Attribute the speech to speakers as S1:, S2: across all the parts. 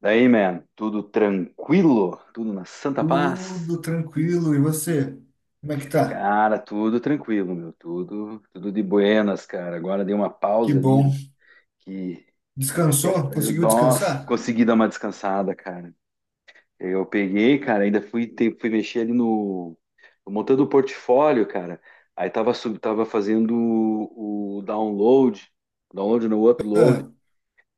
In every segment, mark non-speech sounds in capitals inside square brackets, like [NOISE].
S1: Daí, man, tudo tranquilo? Tudo na santa paz?
S2: Tudo tranquilo. E você? Como é que tá?
S1: Cara, tudo tranquilo, meu, tudo de buenas, cara. Agora dei uma
S2: Que
S1: pausa ali
S2: bom.
S1: que
S2: Descansou? Conseguiu
S1: nossa,
S2: descansar?
S1: consegui dar uma descansada, cara. Eu peguei, cara, ainda fui mexer ali no montando o portfólio, cara. Tava fazendo o download, download no upload
S2: Ah,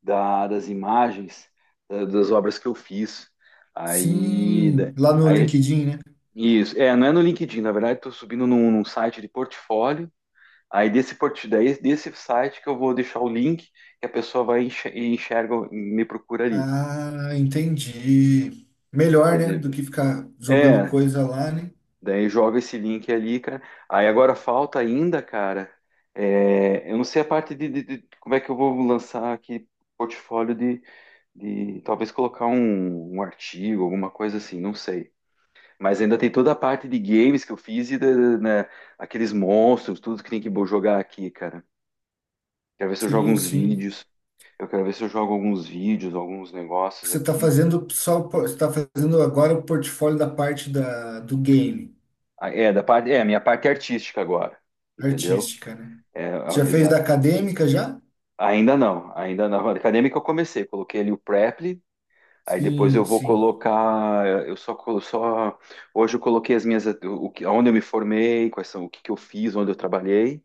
S1: das imagens das obras que eu fiz. Aí,
S2: sim,
S1: da-
S2: lá no
S1: aí
S2: LinkedIn, né?
S1: Isso, é, não é no LinkedIn, na verdade, estou subindo num site de portfólio. Daí desse site que eu vou deixar o link que a pessoa vai enxer- e enxerga, me procura ali.
S2: Ah, entendi. Melhor, né, do
S1: Entendeu?
S2: que ficar jogando
S1: É,
S2: coisa lá, né?
S1: daí joga esse link ali, cara. Aí agora falta ainda, cara. É, eu não sei a parte de como é que eu vou lançar aqui portfólio de talvez colocar um artigo, alguma coisa assim, não sei. Mas ainda tem toda a parte de games que eu fiz e né, aqueles monstros, tudo que tem que jogar aqui, cara. Quero ver se eu jogo
S2: Sim,
S1: uns
S2: sim.
S1: vídeos. Eu quero ver se eu jogo alguns vídeos, alguns negócios
S2: Você tá
S1: aqui.
S2: fazendo só, você tá fazendo agora o portfólio da parte da, do game,
S1: Ah, é, da parte, é, a minha parte artística agora, entendeu?
S2: artística, né? Você já fez da
S1: Exato.
S2: acadêmica já?
S1: Ainda não, ainda não. A acadêmica eu comecei, coloquei ali o Preply, aí depois
S2: Sim,
S1: eu vou
S2: sim.
S1: colocar, eu só, colo- só hoje eu coloquei as minhas, o que, onde eu me formei, quais são, o que que eu fiz, onde eu trabalhei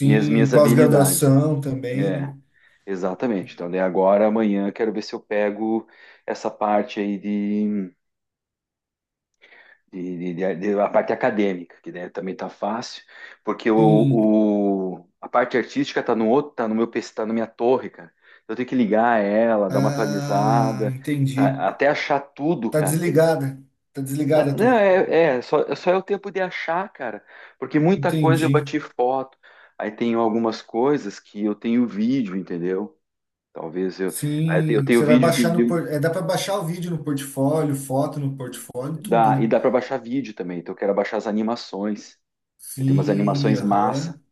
S1: e as minhas habilidades.
S2: pós-graduação também,
S1: É.
S2: né?
S1: Exatamente. Então, daí agora, amanhã, quero ver se eu pego essa parte aí de a parte acadêmica, que daí também tá fácil, porque o,
S2: Sim.
S1: o- a parte artística tá no outro, tá no meu PC, tá na minha torre, cara. Eu tenho que ligar ela, dar uma
S2: Ah,
S1: atualizada,
S2: entendi.
S1: tá? Até achar tudo,
S2: Tá
S1: cara.
S2: desligada. Tá desligada a
S1: É, não,
S2: torre.
S1: só é o tempo de achar, cara, porque muita coisa eu
S2: Entendi.
S1: bati foto, aí tenho algumas coisas que eu tenho vídeo, entendeu? Talvez eu. Aí eu
S2: Sim,
S1: tenho
S2: você vai
S1: vídeo de,
S2: baixar no
S1: de-
S2: por... é, dá para baixar o vídeo no portfólio, foto no portfólio, tudo,
S1: Dá, e
S2: né?
S1: dá para baixar vídeo também. Então eu quero baixar as animações. Eu tenho umas
S2: Sim,
S1: animações massa.
S2: aham.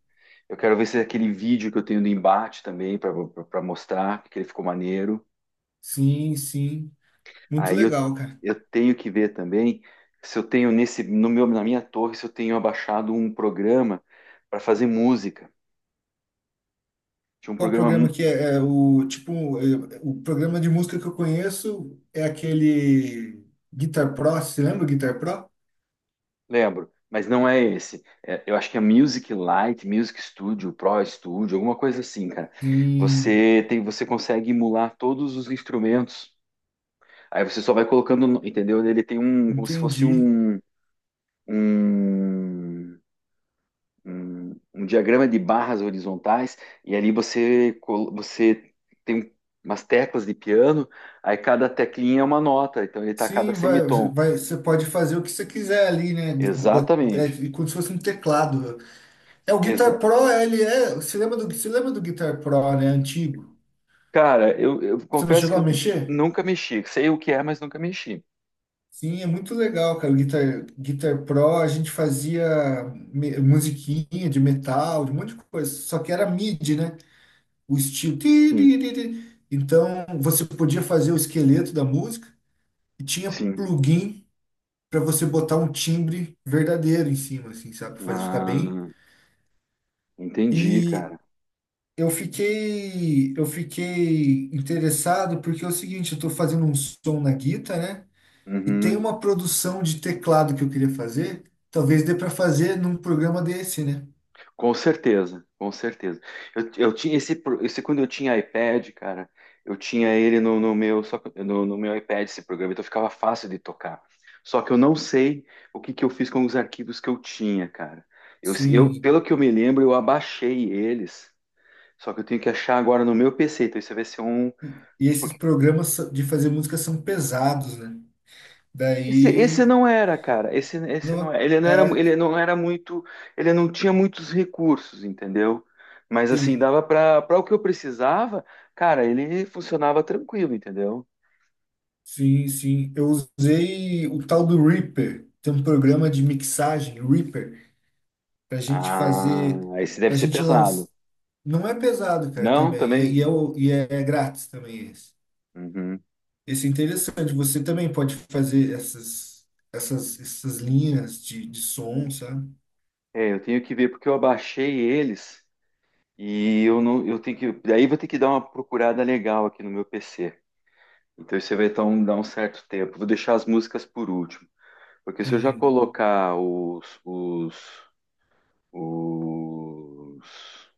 S1: Eu quero ver se é aquele vídeo que eu tenho do embate também para mostrar que ele ficou maneiro.
S2: Sim, sim. Muito
S1: Aí
S2: legal, cara.
S1: eu tenho que ver também se eu tenho nesse no meu na minha torre se eu tenho abaixado um programa para fazer música. Tinha um
S2: Qual
S1: programa,
S2: programa que
S1: mu-
S2: é? É o tipo, é, o programa de música que eu conheço é aquele Guitar Pro, você lembra o Guitar Pro?
S1: Lembro, mas não é esse. É, eu acho que é Music Lite, Music Studio, Pro Studio, alguma coisa assim, cara.
S2: Sim,
S1: Você tem, você consegue emular todos os instrumentos. Aí você só vai colocando, entendeu? Ele tem um, como se fosse
S2: entendi.
S1: um, um diagrama de barras horizontais, e ali você, você tem umas teclas de piano, aí cada teclinha é uma nota, então ele tá a cada
S2: Sim, vai,
S1: semitom.
S2: vai, você pode fazer o que você quiser ali, né? Bot-
S1: Exatamente.
S2: É, como se fosse um teclado. É o
S1: Exa
S2: Guitar Pro, ele é. Você lembra do Guitar Pro, né? Antigo.
S1: Cara, eu
S2: Você não
S1: confesso
S2: chegou
S1: que
S2: a
S1: eu
S2: mexer?
S1: nunca mexi. Sei o que é, mas nunca mexi.
S2: Sim, é muito legal, cara. O Guitar Pro, a gente fazia musiquinha de metal, de um monte de coisa. Só que era MIDI, né? O estilo. Ti,
S1: Sim,
S2: ti, ti, ti. Então, você podia fazer o esqueleto da música e tinha
S1: sim.
S2: plugin, para você botar um timbre verdadeiro em cima, assim, sabe? Pra fazer ficar bem.
S1: Ah, entendi,
S2: E
S1: cara.
S2: eu fiquei interessado porque é o seguinte, eu tô fazendo um som na guitarra, né? E tem
S1: Uhum.
S2: uma produção de teclado que eu queria fazer. Talvez dê para fazer num programa desse, né?
S1: Com certeza, com certeza. Eu tinha esse, pro- Esse quando eu tinha iPad, cara, eu tinha ele no, no meu só que- no, no meu iPad esse programa, então ficava fácil de tocar. Só que eu não sei o que que eu fiz com os arquivos que eu tinha, cara. Eu,
S2: Sim.
S1: pelo que eu me lembro, eu abaixei eles. Só que eu tenho que achar agora no meu PC. Então isso vai ser um,
S2: E esses programas de fazer música são pesados, né?
S1: esse
S2: Daí,
S1: não era, cara. Esse não
S2: não,
S1: era.
S2: é,
S1: Ele não tinha muitos recursos, entendeu? Mas assim,
S2: sim.
S1: dava para o que eu precisava, cara, ele funcionava tranquilo, entendeu?
S2: Sim, sim. Eu usei o tal do Reaper. Tem um programa de mixagem, Reaper, para gente
S1: Ah,
S2: fazer,
S1: esse deve
S2: para
S1: ser
S2: gente lançar.
S1: pesado.
S2: Não é pesado, cara,
S1: Não,
S2: também. E é,
S1: também?
S2: e é, o- e é, é grátis também esse.
S1: Uhum.
S2: Esse é interessante. Você também pode fazer essas linhas de som, sabe?
S1: É, eu tenho que ver porque eu abaixei eles e eu não, eu tenho que, daí vou ter que dar uma procurada legal aqui no meu PC. Então isso vai dar dar um certo tempo. Vou deixar as músicas por último. Porque se eu já
S2: Sim,
S1: colocar os-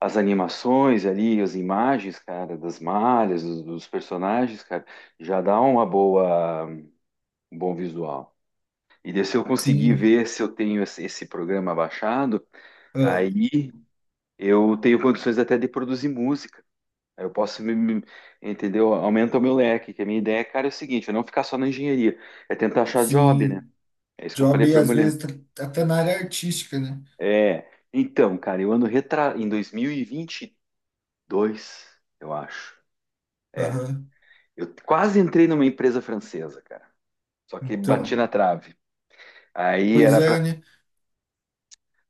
S1: as animações ali, as imagens, cara, das malhas, dos personagens, cara, já dá uma boa, um bom visual. E daí, se eu conseguir
S2: sim.
S1: ver se eu tenho esse programa baixado,
S2: Ah,
S1: aí eu tenho condições até de produzir música. Aí Eu posso, me- Entendeu? Aumenta o meu leque, que a minha ideia, cara, é o seguinte, eu não ficar só na engenharia, é tentar achar job, né?
S2: sim.
S1: É isso que eu
S2: Job,
S1: falei pra
S2: às
S1: mulher.
S2: vezes, tá até na área artística, né?
S1: É, então, cara, em 2022, eu acho. É.
S2: Aham.
S1: Eu quase entrei numa empresa francesa, cara. Só que bati
S2: Então,
S1: na trave. Aí
S2: pois
S1: era para.
S2: é, né?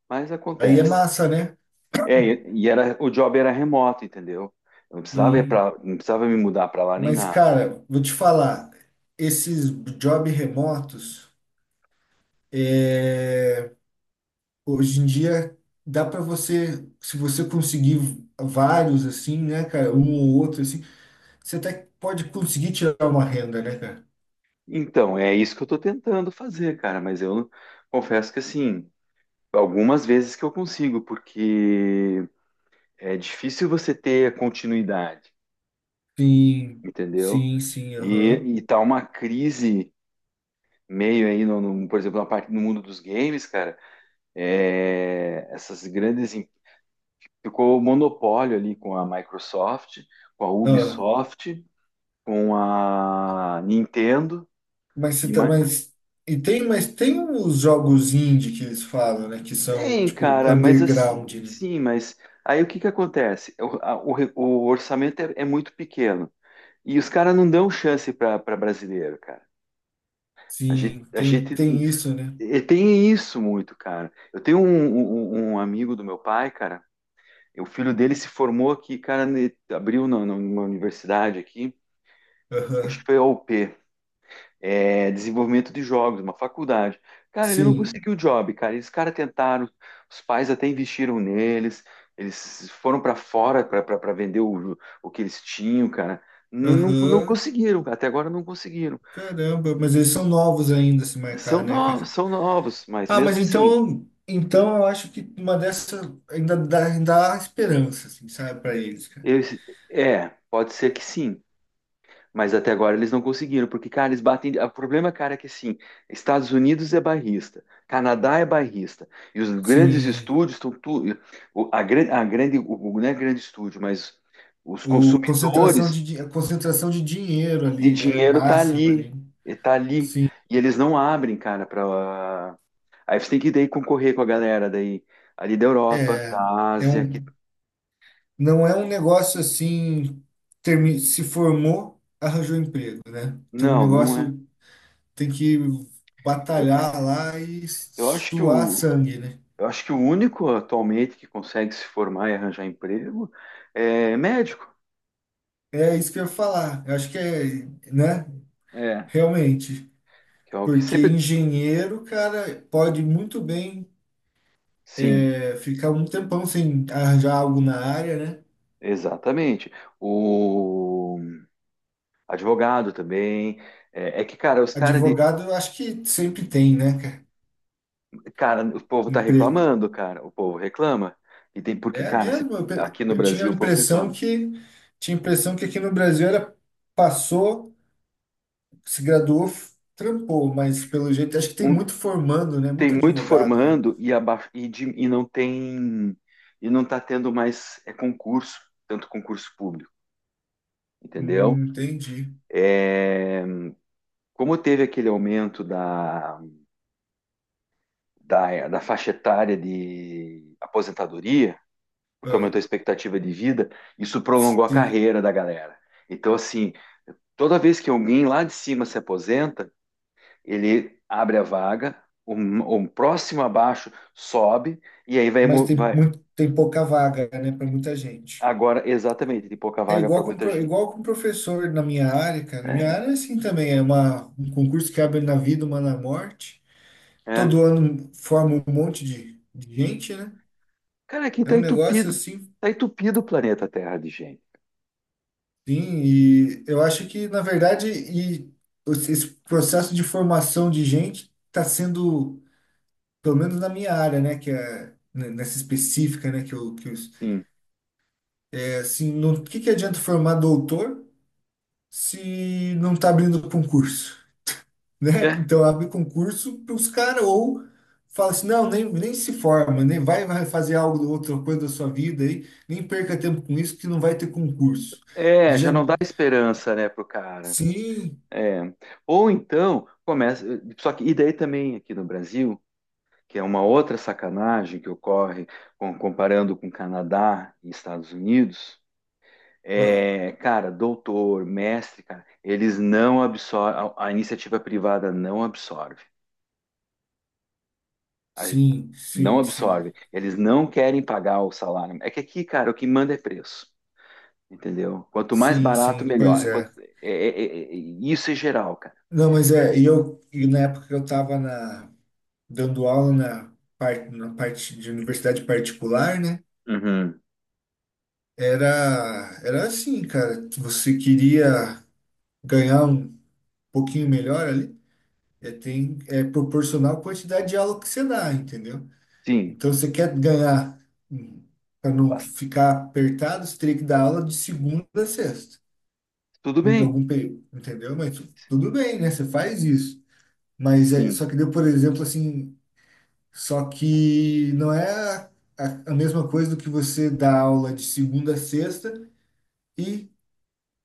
S1: Mas
S2: Aí é
S1: acontece.
S2: massa, né?
S1: É, e era, o job era remoto, entendeu? Eu não precisava ir
S2: Sim.
S1: pra, não precisava me mudar para lá nem
S2: Mas,
S1: nada.
S2: cara, vou te falar, esses job remotos, é, hoje em dia dá para você, se você conseguir vários assim, né, cara, um ou outro assim, você até pode conseguir tirar uma renda, né, cara?
S1: Então, é isso que eu tô tentando fazer, cara, mas eu confesso que assim, algumas vezes que eu consigo, porque é difícil você ter continuidade,
S2: Sim,
S1: entendeu?
S2: sim, sim,
S1: E,
S2: aham.
S1: e tá uma crise meio aí, por exemplo, na parte no mundo dos games, cara, é, ficou o monopólio ali com a Microsoft, com a
S2: Ah,
S1: Ubisoft, com a Nintendo
S2: mas você
S1: e
S2: tá,
S1: ma-
S2: mas tem os jogos indie que eles falam, né, que são
S1: tem,
S2: tipo
S1: cara, mas
S2: underground,
S1: assim,
S2: né?
S1: sim, mas aí o que que acontece? O, a- o re- O orçamento é muito pequeno e os caras não dão chance para brasileiro, cara.
S2: Sim,
S1: A
S2: tem
S1: gente
S2: tem isso, né?
S1: E tem isso muito, cara. Eu tenho um amigo do meu pai, cara. O filho dele se formou aqui, cara, numa universidade aqui, acho que
S2: Aham.
S1: foi a UP, é, desenvolvimento de jogos, uma faculdade. Cara, ele não
S2: Sim.
S1: conseguiu o job, cara. Esses caras tentaram, os pais até investiram neles, eles foram para fora para vender o que eles tinham, cara. Não, não
S2: Aham.
S1: conseguiram, até agora não conseguiram.
S2: Caramba, mas eles são novos ainda, se marcar, né, cara?
S1: São novos, mas
S2: Ah, mas
S1: mesmo assim,
S2: então eu acho que uma dessas ainda dá, ainda há esperança, assim, sabe, para eles, cara.
S1: eles, é, pode ser que sim. Mas até agora eles não conseguiram, porque, cara, eles batem. O problema, cara, é que assim, Estados Unidos é barrista, Canadá é barrista, e os grandes
S2: Sim,
S1: estúdios estão tudo. A grande, o- Não é grande estúdio, mas os
S2: o concentração
S1: consumidores
S2: de, a concentração de dinheiro
S1: de
S2: ali, né,
S1: dinheiro
S2: máxima ali.
S1: tá ali.
S2: Sim,
S1: E eles não abrem, cara, para. Aí você tem que daí concorrer com a galera daí, ali da Europa,
S2: é,
S1: da
S2: é
S1: Ásia, que.
S2: um, não é um negócio assim, se formou, arranjou emprego, né? Então o
S1: Não, não é.
S2: negócio tem que
S1: Eu,
S2: batalhar lá e
S1: eu acho que
S2: suar
S1: o
S2: sangue, né?
S1: Eu acho que o único atualmente que consegue se formar e arranjar emprego é médico.
S2: É isso que eu ia falar. Eu acho que é, né?
S1: É,
S2: Realmente.
S1: que é o que
S2: Porque
S1: sempre.
S2: engenheiro, cara, pode muito bem
S1: Sim,
S2: ficar um tempão sem arranjar algo na área, né?
S1: exatamente. O advogado também. É, é que, cara, os caras de.
S2: Advogado, eu acho que sempre tem, né, cara?
S1: Cara, o povo tá
S2: Emprego.
S1: reclamando, cara. O povo reclama. E tem porque,
S2: É
S1: cara,
S2: mesmo? Eu, pe-
S1: aqui no
S2: eu tinha
S1: Brasil
S2: a
S1: o povo
S2: impressão
S1: reclama.
S2: que aqui no Brasil era passou, se graduou, trampou, mas pelo jeito acho que tem
S1: Um,
S2: muito formando, né? Muito
S1: Tem muito
S2: advogado, né?
S1: formando e não tem. E não tá tendo mais é, concurso, tanto concurso público, entendeu?
S2: Entendi.
S1: É. Como teve aquele aumento da faixa etária de aposentadoria, porque
S2: Ah,
S1: aumentou a expectativa de vida, isso prolongou a
S2: sim.
S1: carreira da galera. Então, assim, toda vez que alguém lá de cima se aposenta, ele abre a vaga, um próximo abaixo sobe, e aí vai,
S2: Mas tem
S1: vai-
S2: muito, tem pouca vaga, né, para muita gente.
S1: Agora, exatamente, tem pouca
S2: É
S1: vaga para
S2: igual com,
S1: muita gente.
S2: professor na minha área, cara. Na minha área,
S1: É,
S2: é assim também, é um concurso que abre na vida, uma na morte.
S1: é.
S2: Todo ano forma um monte de gente, né?
S1: Cara, aqui
S2: É
S1: tá
S2: um negócio
S1: entupido.
S2: assim,
S1: Tá entupido o planeta Terra de gente.
S2: sim. E eu acho que, na verdade, e esse processo de formação de gente está sendo, pelo menos na minha área, né, que é né, nessa específica, né, que eu,
S1: Sim.
S2: é assim, não, o que que adianta formar doutor? Se não está abrindo concurso, [LAUGHS] né?
S1: É,
S2: Então abre concurso para os caras ou fala assim, não, nem se forma, nem vai fazer algo outra coisa da sua vida aí, nem perca tempo com isso que não vai ter concurso. Ele
S1: é,
S2: já,
S1: já não dá esperança, né, pro cara.
S2: sim,
S1: É. Ou então começa. Só que, e daí também aqui no Brasil, que é uma outra sacanagem que ocorre comparando com Canadá e Estados Unidos,
S2: ah,
S1: é, cara, doutor, mestre, cara, eles não absorvem, a iniciativa privada não absorve. A-
S2: sim,
S1: não
S2: sim, sim,
S1: absorve. Eles não querem pagar o salário. É que aqui, cara, o que manda é preço. Entendeu? Quanto mais
S2: sim,
S1: barato,
S2: sim,
S1: melhor.
S2: pois é.
S1: Isso é geral, cara.
S2: Não, mas é, e na época que eu estava na dando aula na parte de universidade particular, né?
S1: Uhum.
S2: Era assim, cara. Você queria ganhar um pouquinho melhor ali, é, tem, é proporcional à quantidade de aula que você dá, entendeu?
S1: Sim,
S2: Então, se você quer ganhar, para não
S1: bas-
S2: ficar apertado, você teria que dar aula de segunda a sexta,
S1: tudo
S2: em
S1: bem.
S2: algum período, entendeu? Mas tudo bem, né? Você faz isso. Mas é,
S1: Sim,
S2: só que deu, por exemplo, assim, só que não é a mesma coisa do que você dar aula de segunda a sexta e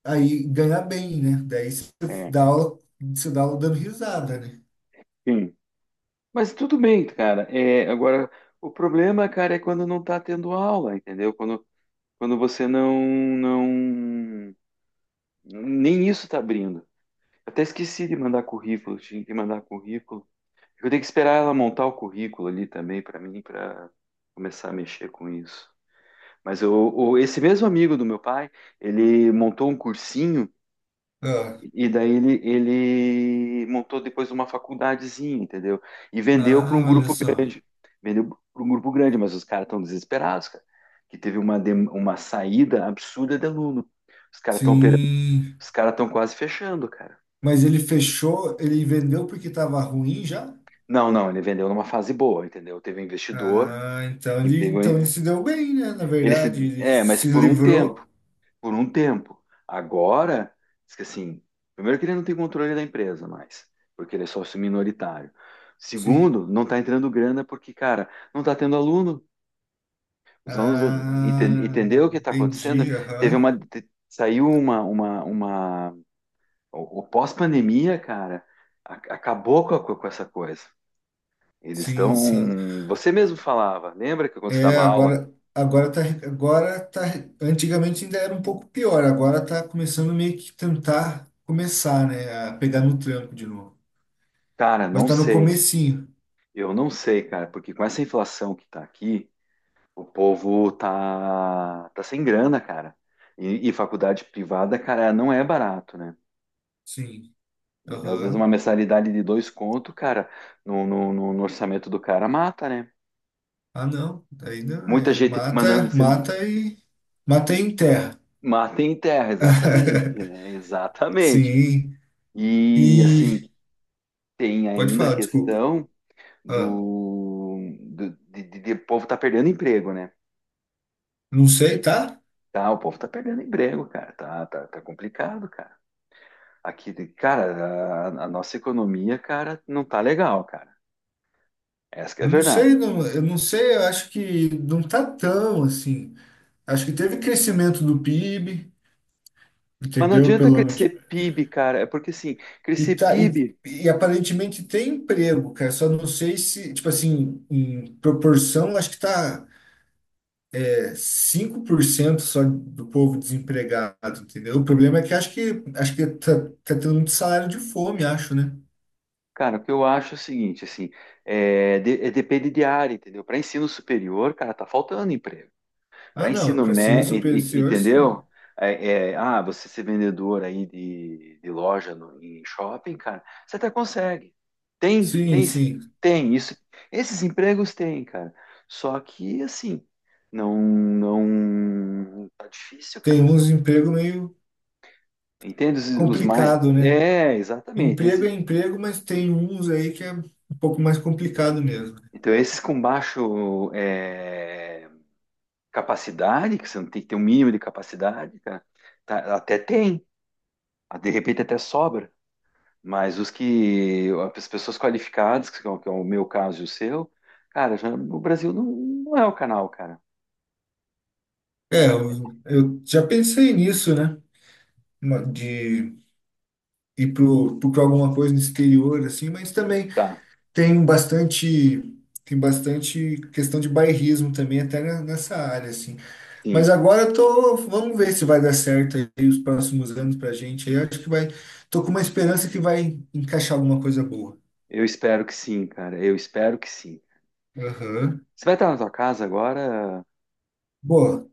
S2: aí ganhar bem, né? Daí
S1: é,
S2: você dá aula dando risada, né?
S1: sim. Mas tudo bem, cara. É, agora, o problema, cara, é quando não tá tendo aula, entendeu? Quando, quando você não, nem isso tá abrindo. Até esqueci de mandar currículo, tinha que mandar currículo. Eu tenho que esperar ela montar o currículo ali também para mim, para começar a mexer com isso. Esse mesmo amigo do meu pai, ele montou um cursinho. E daí ele montou depois uma faculdadezinha, entendeu? E vendeu para um
S2: Ah, olha
S1: grupo
S2: só.
S1: grande. Vendeu para um grupo grande, mas os caras estão desesperados, cara. Que teve uma saída absurda de aluno. Os caras estão operando,
S2: Sim.
S1: os caras estão quase fechando, cara.
S2: Mas ele fechou, ele vendeu porque estava ruim já?
S1: Não, não, ele vendeu numa fase boa, entendeu? Teve um investidor,
S2: Ah, então
S1: que
S2: ele,
S1: pegou.
S2: se deu bem, né? Na
S1: Ele
S2: verdade,
S1: se,
S2: ele
S1: é, mas
S2: se
S1: por um tempo.
S2: livrou.
S1: Por um tempo. Agora, diz que assim, primeiro que ele não tem controle da empresa mais, porque ele é sócio minoritário.
S2: Sim.
S1: Segundo, não está entrando grana porque, cara, não está tendo aluno. Os alunos ah, entendeu o
S2: Ah,
S1: que está acontecendo?
S2: entendi.
S1: Teve
S2: Aham.
S1: uma te- saiu uma o pós-pandemia, cara, acabou com, com essa coisa. Eles
S2: Sim, sim.
S1: estão, você mesmo falava, lembra que quando você
S2: É,
S1: dava aula,
S2: agora, agora tá, agora tá. Antigamente ainda era um pouco pior. Agora tá começando meio que tentar começar, né? A pegar no tranco de novo.
S1: cara,
S2: Mas
S1: não
S2: tá no
S1: sei.
S2: comecinho.
S1: Eu não sei, cara, porque com essa inflação que está aqui, o povo tá, tá sem grana, cara. E faculdade privada, cara, não é barato, né?
S2: Sim.
S1: Entendeu? Às vezes uma
S2: Aham.
S1: mensalidade de dois conto, cara, no orçamento do cara mata, né?
S2: Ah, não. Daí não
S1: Muita
S2: é.
S1: gente mandando
S2: Mata,
S1: você
S2: mata e. Mata e enterra.
S1: mata em terra, exatamente. É,
S2: [LAUGHS]
S1: exatamente.
S2: Sim.
S1: E assim,
S2: E.
S1: tem
S2: Pode
S1: ainda a
S2: falar, desculpa.
S1: questão
S2: Ah,
S1: de o povo tá perdendo emprego, né?
S2: não sei, tá?
S1: Tá, o povo tá perdendo emprego, cara. Tá, complicado, cara. Aqui, cara, a nossa economia, cara, não tá legal, cara. Essa que é a
S2: Eu não
S1: verdade.
S2: sei, não, eu não sei, eu acho que não tá tão assim. Acho que teve crescimento do PIB,
S1: Mas não
S2: entendeu?
S1: adianta
S2: Pelo menos, tipo,
S1: crescer PIB, cara. É porque, assim,
S2: e,
S1: crescer
S2: tá, e,
S1: PIB,
S2: aparentemente tem emprego, cara. Só não sei se, tipo assim, em proporção, acho que tá, 5% só do povo desempregado, entendeu? O problema é que acho que tá, tendo muito salário de fome, acho, né?
S1: cara, o que eu acho é o seguinte, assim, é, é depende de área, entendeu? Para ensino superior, cara, tá faltando emprego.
S2: Ah,
S1: Para
S2: não,
S1: ensino
S2: para ensino
S1: médio,
S2: superior,
S1: entendeu?
S2: sim.
S1: É, é, ah, você ser vendedor aí de loja no, em shopping, cara, você até consegue. Tem,
S2: Sim,
S1: tem, esse-
S2: sim.
S1: Tem isso. Esses empregos tem, cara. Só que assim, não, não tá difícil,
S2: Tem
S1: cara.
S2: uns emprego meio
S1: Entende os mais?
S2: complicado, né?
S1: É, exatamente.
S2: Emprego é emprego, mas tem uns aí que é um pouco mais complicado mesmo.
S1: Então esses com baixo é, capacidade, que você não tem que ter um mínimo de capacidade, cara, até tem. De repente até sobra. Mas os que, as pessoas qualificadas, que é o meu caso e o seu, cara, já, o Brasil não, não é o canal, cara.
S2: É, eu já pensei nisso, né? De ir pra alguma coisa no exterior, assim, mas também
S1: Tá,
S2: Tem bastante, tem bastante questão de bairrismo também, até nessa área, assim. Mas
S1: sim.
S2: agora eu tô, vamos ver se vai dar certo aí os próximos anos pra gente. Aí. Eu acho que vai, tô com uma esperança que vai encaixar alguma coisa boa.
S1: Eu espero que sim, cara. Eu espero que sim.
S2: Aham.
S1: Você vai estar na tua casa agora?
S2: Boa.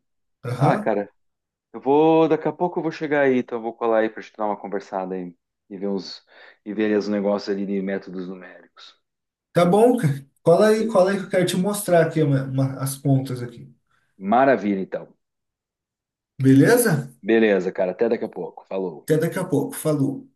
S1: Ah,
S2: Aham.
S1: cara, eu vou. Daqui a pouco eu vou chegar aí, então eu vou colar aí pra gente dar uma conversada aí e ver uns e ver os negócios ali de métodos numéricos.
S2: Tá bom, cara.
S1: Bele-
S2: Cola aí que eu quero te mostrar aqui uma- as pontas aqui.
S1: Maravilha, então.
S2: Beleza?
S1: Beleza, cara. Até daqui a pouco. Falou.
S2: Até daqui a pouco. Falou.